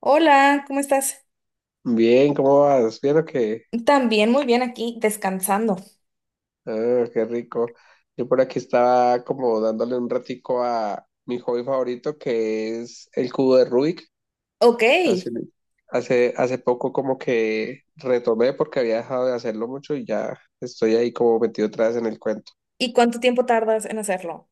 Hola, ¿cómo estás? Bien, ¿cómo vas? ¿Bien o qué? También muy bien aquí, descansando. Ah, qué rico. Yo por aquí estaba como dándole un ratico a mi hobby favorito que es el cubo de Rubik. Ok, Hace, ¿y hace poco como que retomé porque había dejado de hacerlo mucho y ya estoy ahí como metido otra vez en el cuento. cuánto tiempo tardas en hacerlo?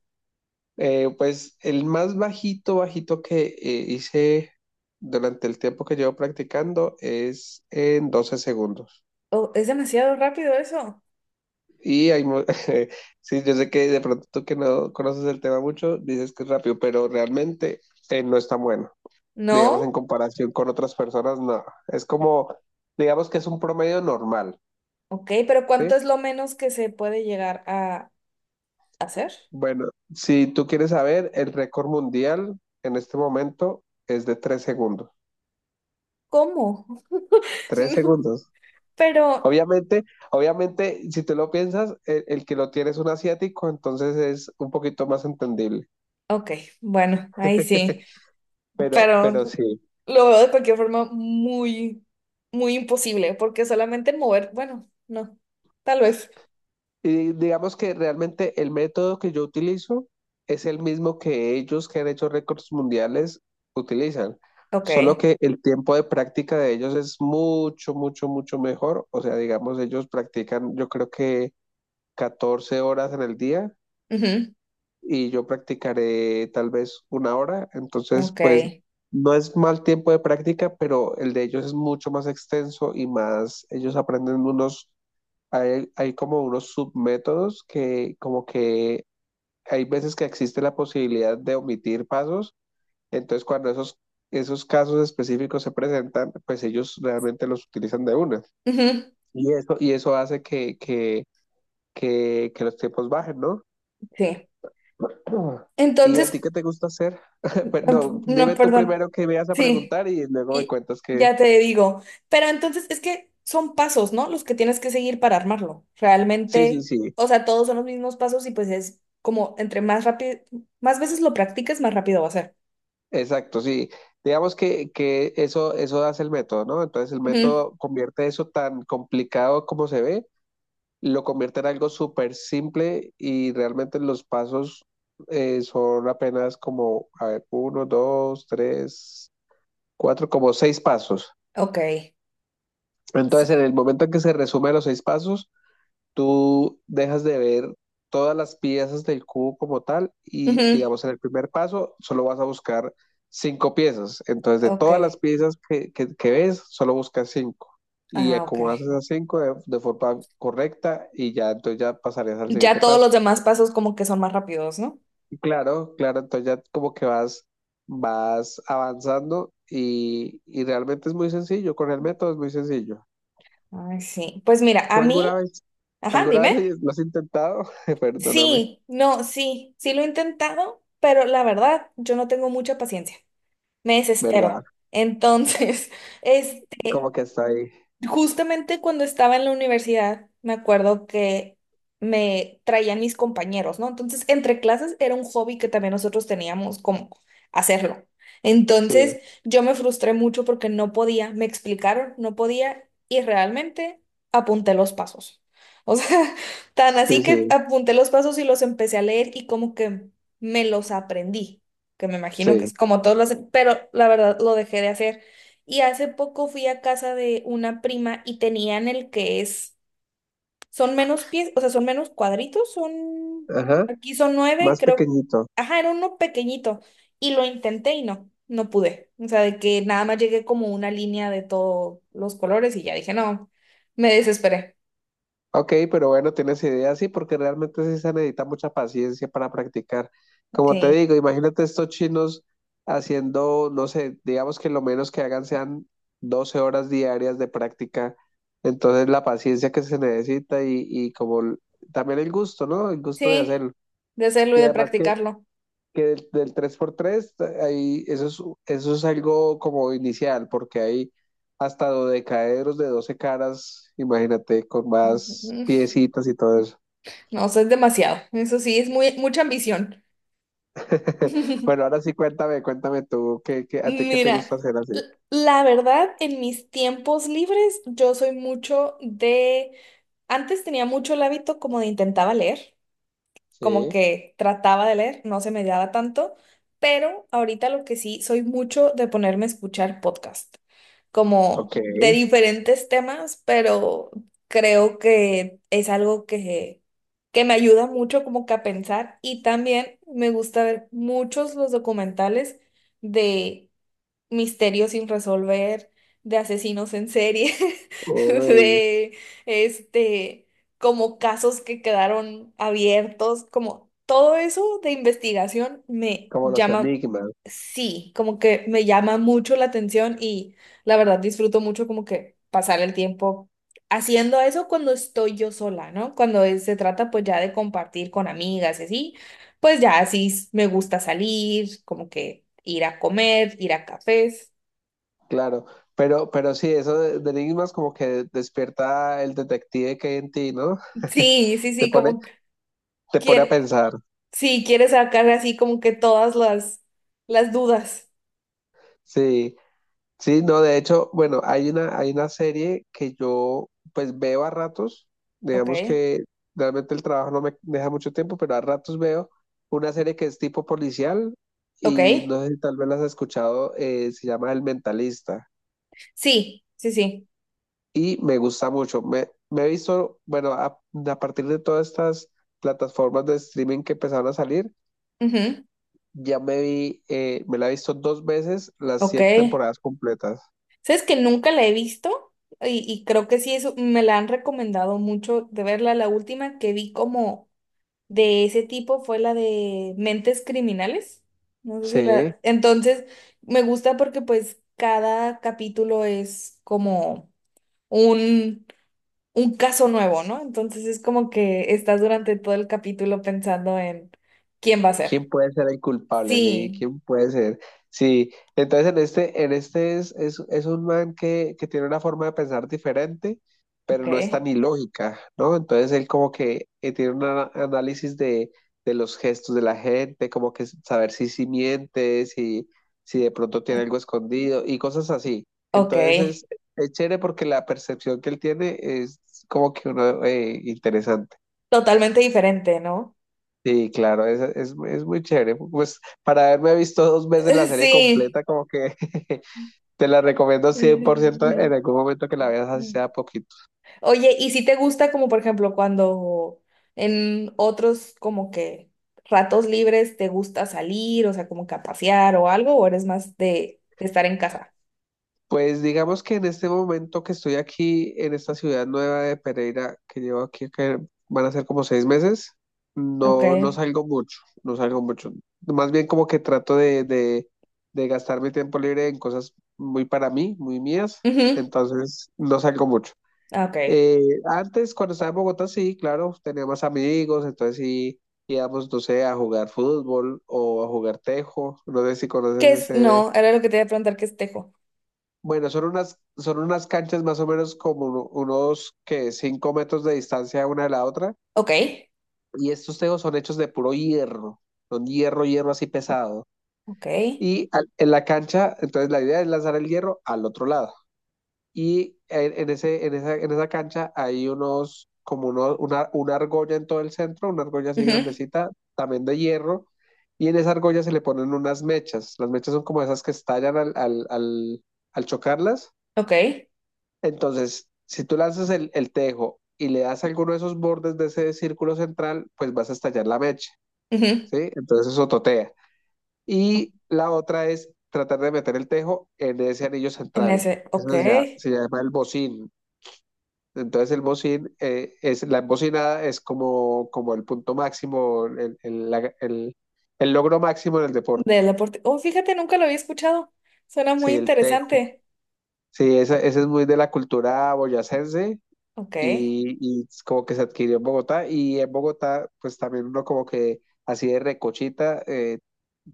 Pues el más bajito, bajito que hice durante el tiempo que llevo practicando es en 12 segundos. Oh, es demasiado rápido eso. Y sí, yo sé que de pronto tú que no conoces el tema mucho, dices que es rápido, pero realmente no es tan bueno. Digamos, en ¿No? comparación con otras personas, no. Es como, digamos que es un promedio normal, Ok, pero ¿sí? ¿cuánto es lo menos que se puede llegar a hacer? Bueno, si tú quieres saber, el récord mundial en este momento es de 3 segundos. ¿Cómo? Tres No. segundos. Pero, Obviamente, obviamente, si tú lo piensas, el que lo tiene es un asiático, entonces es un poquito más entendible. ok, bueno, ahí sí, Pero, pero pero sí. lo veo de cualquier forma muy imposible, porque solamente mover, bueno, no, tal vez. Y digamos que realmente el método que yo utilizo es el mismo que ellos que han hecho récords mundiales utilizan, Ok, solo que el tiempo de práctica de ellos es mucho, mucho, mucho mejor. O sea, digamos, ellos practican yo creo que 14 horas en el día ujú, y yo practicaré tal vez una hora, entonces ok, pues no es mal tiempo de práctica, pero el de ellos es mucho más extenso y más, ellos aprenden hay como unos submétodos que como que hay veces que existe la posibilidad de omitir pasos, entonces cuando esos casos específicos se presentan, pues ellos realmente los utilizan de una. ujú, Y eso hace que los tiempos bajen, ¿no? sí. ¿Y a ti Entonces, qué te gusta hacer? Pues No, no, no, dime tú perdón. primero qué me vas a Sí, preguntar y luego me y cuentas que... ya te digo. Pero entonces es que son pasos, ¿no? Los que tienes que seguir para armarlo. Sí, sí, Realmente, sí. o sea, todos son los mismos pasos y pues es como entre más rápido, más veces lo practiques, más rápido va a ser. Exacto, sí. Digamos que eso hace el método, ¿no? Entonces el Ujú, método convierte eso tan complicado como se ve, lo convierte en algo súper simple y realmente los pasos son apenas como, a ver, uno, dos, tres, cuatro, como seis pasos. ok. Sí. Entonces en el momento en que se resume los seis pasos, tú dejas de ver todas las piezas del cubo como tal y Ujú, digamos en el primer paso solo vas a buscar cinco piezas. Entonces de ok. todas las piezas que ves, solo buscas cinco. Y Ah, ok. acomodas esas cinco de forma correcta y ya entonces ya pasarías al Ya siguiente todos paso. los demás pasos como que son más rápidos, ¿no? Y claro, claro, entonces ya como que vas avanzando y realmente es muy sencillo, con el método es muy sencillo. Ay, sí. Pues mira, a ¿Tú alguna mí, vez, ajá, alguna dime. vez lo has intentado? Perdóname, Sí, no, sí, sí lo he intentado, pero la verdad, yo no tengo mucha paciencia. Me ¿verdad? desespero. Entonces, este, Como que está ahí. justamente cuando estaba en la universidad, me acuerdo que me traían mis compañeros, ¿no? Entonces, entre clases era un hobby que también nosotros teníamos como hacerlo. Sí, Entonces, yo me frustré mucho porque no podía, me explicaron, no podía y realmente apunté los pasos. O sea, tan así sí, que sí, apunté los pasos y los empecé a leer y como que me los aprendí, que me imagino que sí. es como todos los, pero la verdad lo dejé de hacer y hace poco fui a casa de una prima y tenían el que es, son menos pies, o sea, son menos cuadritos, son, Ajá, aquí son nueve y más creo, pequeñito. ajá, era uno pequeñito y lo intenté y no, no pude. O sea, de que nada más llegué como una línea de todos los colores y ya dije, no, me desesperé. Ok, pero bueno, tienes idea, sí, porque realmente sí se necesita mucha paciencia para practicar. Como te Sí, digo, imagínate estos chinos haciendo, no sé, digamos que lo menos que hagan sean 12 horas diarias de práctica. Entonces la paciencia que se necesita y como también el gusto, ¿no? El gusto de sí, hacerlo. de hacerlo y Y de además que practicarlo. que del 3x3, ahí, eso es algo como inicial, porque hay hasta dodecaedros de 12 caras, imagínate, con más Ujú. piecitas y todo eso. No, eso es demasiado. Eso sí, es muy, mucha ambición. Bueno, ahora sí, cuéntame, cuéntame tú, ¿qué, a ti qué te gusta Mira, hacer así? l- la verdad, en mis tiempos libres, yo soy mucho de... Antes tenía mucho el hábito como de intentaba leer, como Sí, que trataba de leer, no se me daba tanto, pero ahorita lo que sí, soy mucho de ponerme a escuchar podcast, como ok, de diferentes temas, pero creo que es algo que me ayuda mucho como que a pensar y también me gusta ver muchos los documentales de misterios sin resolver, de asesinos en serie, uy, de este, como casos que quedaron abiertos, como todo eso de investigación me como los llama, enigmas, sí, como que me llama mucho la atención y la verdad disfruto mucho como que pasar el tiempo. Haciendo eso cuando estoy yo sola, ¿no? Cuando se trata pues ya de compartir con amigas y así, pues ya así me gusta salir, como que ir a comer, ir a cafés. claro, pero sí, eso de enigmas como que despierta el detective que hay en ti, ¿no? Sí, sí, Te sí, pone, como te pone a quiere, pensar, sí, quiere sacar así como que todas las dudas. sí. Sí, no, de hecho, bueno, hay una, serie que yo pues veo a ratos, Ok, digamos que realmente el trabajo no me deja mucho tiempo, pero a ratos veo una serie que es tipo policial y ok. no sé si tal vez las has escuchado, se llama El Mentalista Sí, sí, sí. y me gusta mucho. Me he visto, bueno, a partir de todas estas plataformas de streaming que empezaron a salir, Ujú, ya me vi, me la he visto dos veces las ok. siete temporadas completas. ¿Sabes que nunca la he visto? Y creo que sí, eso me la han recomendado mucho de verla. La última que vi como de ese tipo fue la de Mentes Criminales. No sé si Sí. la... Entonces, me gusta porque pues cada capítulo es como un, un caso nuevo, ¿no? Entonces es como que estás durante todo el capítulo pensando en quién va a ser. ¿Quién puede ser el culpable? Sí, Sí, ¿quién puede ser? Sí, entonces en este es un man que tiene una forma de pensar diferente, ok, pero no es tan ilógica, ¿no? Entonces él como que tiene un análisis de los gestos de la gente, como que saber si miente, si de pronto tiene algo escondido y cosas así. ok. Entonces es chévere porque la percepción que él tiene es como que uno interesante. Totalmente diferente, ¿no? Sí, claro, es muy chévere. Pues para haberme visto dos veces la serie Sí. completa, como que te la recomiendo 100% en algún momento que la veas, así sea poquito. Oye, ¿y si te gusta como por ejemplo cuando en otros como que ratos libres te gusta salir, o sea, como que a pasear o algo, o eres más de estar en casa? Pues digamos que en este momento que estoy aquí en esta ciudad nueva de Pereira, que llevo aquí, que van a ser como 6 meses, Ok. no, no salgo mucho, no salgo mucho. Más bien como que trato de gastar mi tiempo libre en cosas muy para mí, muy mías, Ujú, entonces no salgo mucho. ah, ok. Eh, Antes, cuando estaba en Bogotá, sí, claro, tenía más amigos, entonces sí íbamos, no sé, a jugar fútbol o a jugar tejo, no sé si ¿Qué conoces es? ese. No, era lo que te iba a preguntar, ¿qué es tejo? Bueno, son unas canchas más o menos como unos que 5 metros de distancia una de la otra, Ok. y estos tejos son hechos de puro hierro, son hierro, hierro así pesado. Ok. Y en la cancha, entonces la idea es lanzar el hierro al otro lado. Y en esa cancha hay unos, como uno, una argolla en todo el centro, una argolla así Ujú, grandecita, también de hierro, y en esa argolla se le ponen unas mechas. Las mechas son como esas que estallan al chocarlas. ok. Entonces, si tú lanzas el tejo y le das alguno de esos bordes de ese círculo central, pues vas a estallar la mecha, Ujú. ¿sí? Entonces eso totea. Y la otra es tratar de meter el tejo en ese anillo En central. ese, Eso ok. se llama el bocín, entonces el bocín, la embocinada es como el punto máximo, el logro máximo en el deporte. Del deporte. Oh, fíjate, nunca lo había escuchado. Suena muy Sí, el tejo. interesante. Sí, ese es muy de la cultura boyacense Ok. y es como que se adquirió en Bogotá. Y en Bogotá, pues también uno como que así de recochita,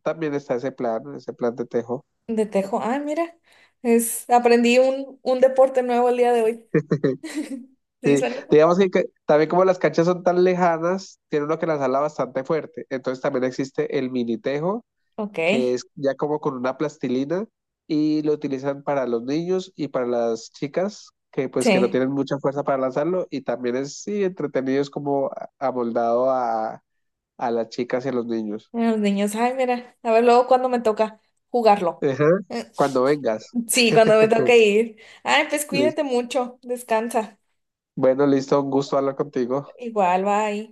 también está ese plan, de tejo. De tejo. Ah, mira, es, aprendí un deporte nuevo el día de hoy. Sí, Sí, suena. digamos que también como las canchas son tan lejanas, tiene uno que lanzarla bastante fuerte. Entonces también existe el mini tejo Ok, que es ya como con una plastilina y lo utilizan para los niños y para las chicas que pues que no sí. tienen mucha fuerza para lanzarlo y también es sí entretenido, es como amoldado a las chicas y a los niños. Los niños, ay, mira, a ver luego cuando me toca jugarlo. Ajá. Eh, Cuando vengas. Sí, cuando me toque ir. Ay, pues Lis- cuídate mucho, descansa. Bueno, listo, un gusto hablar contigo. Igual, bye.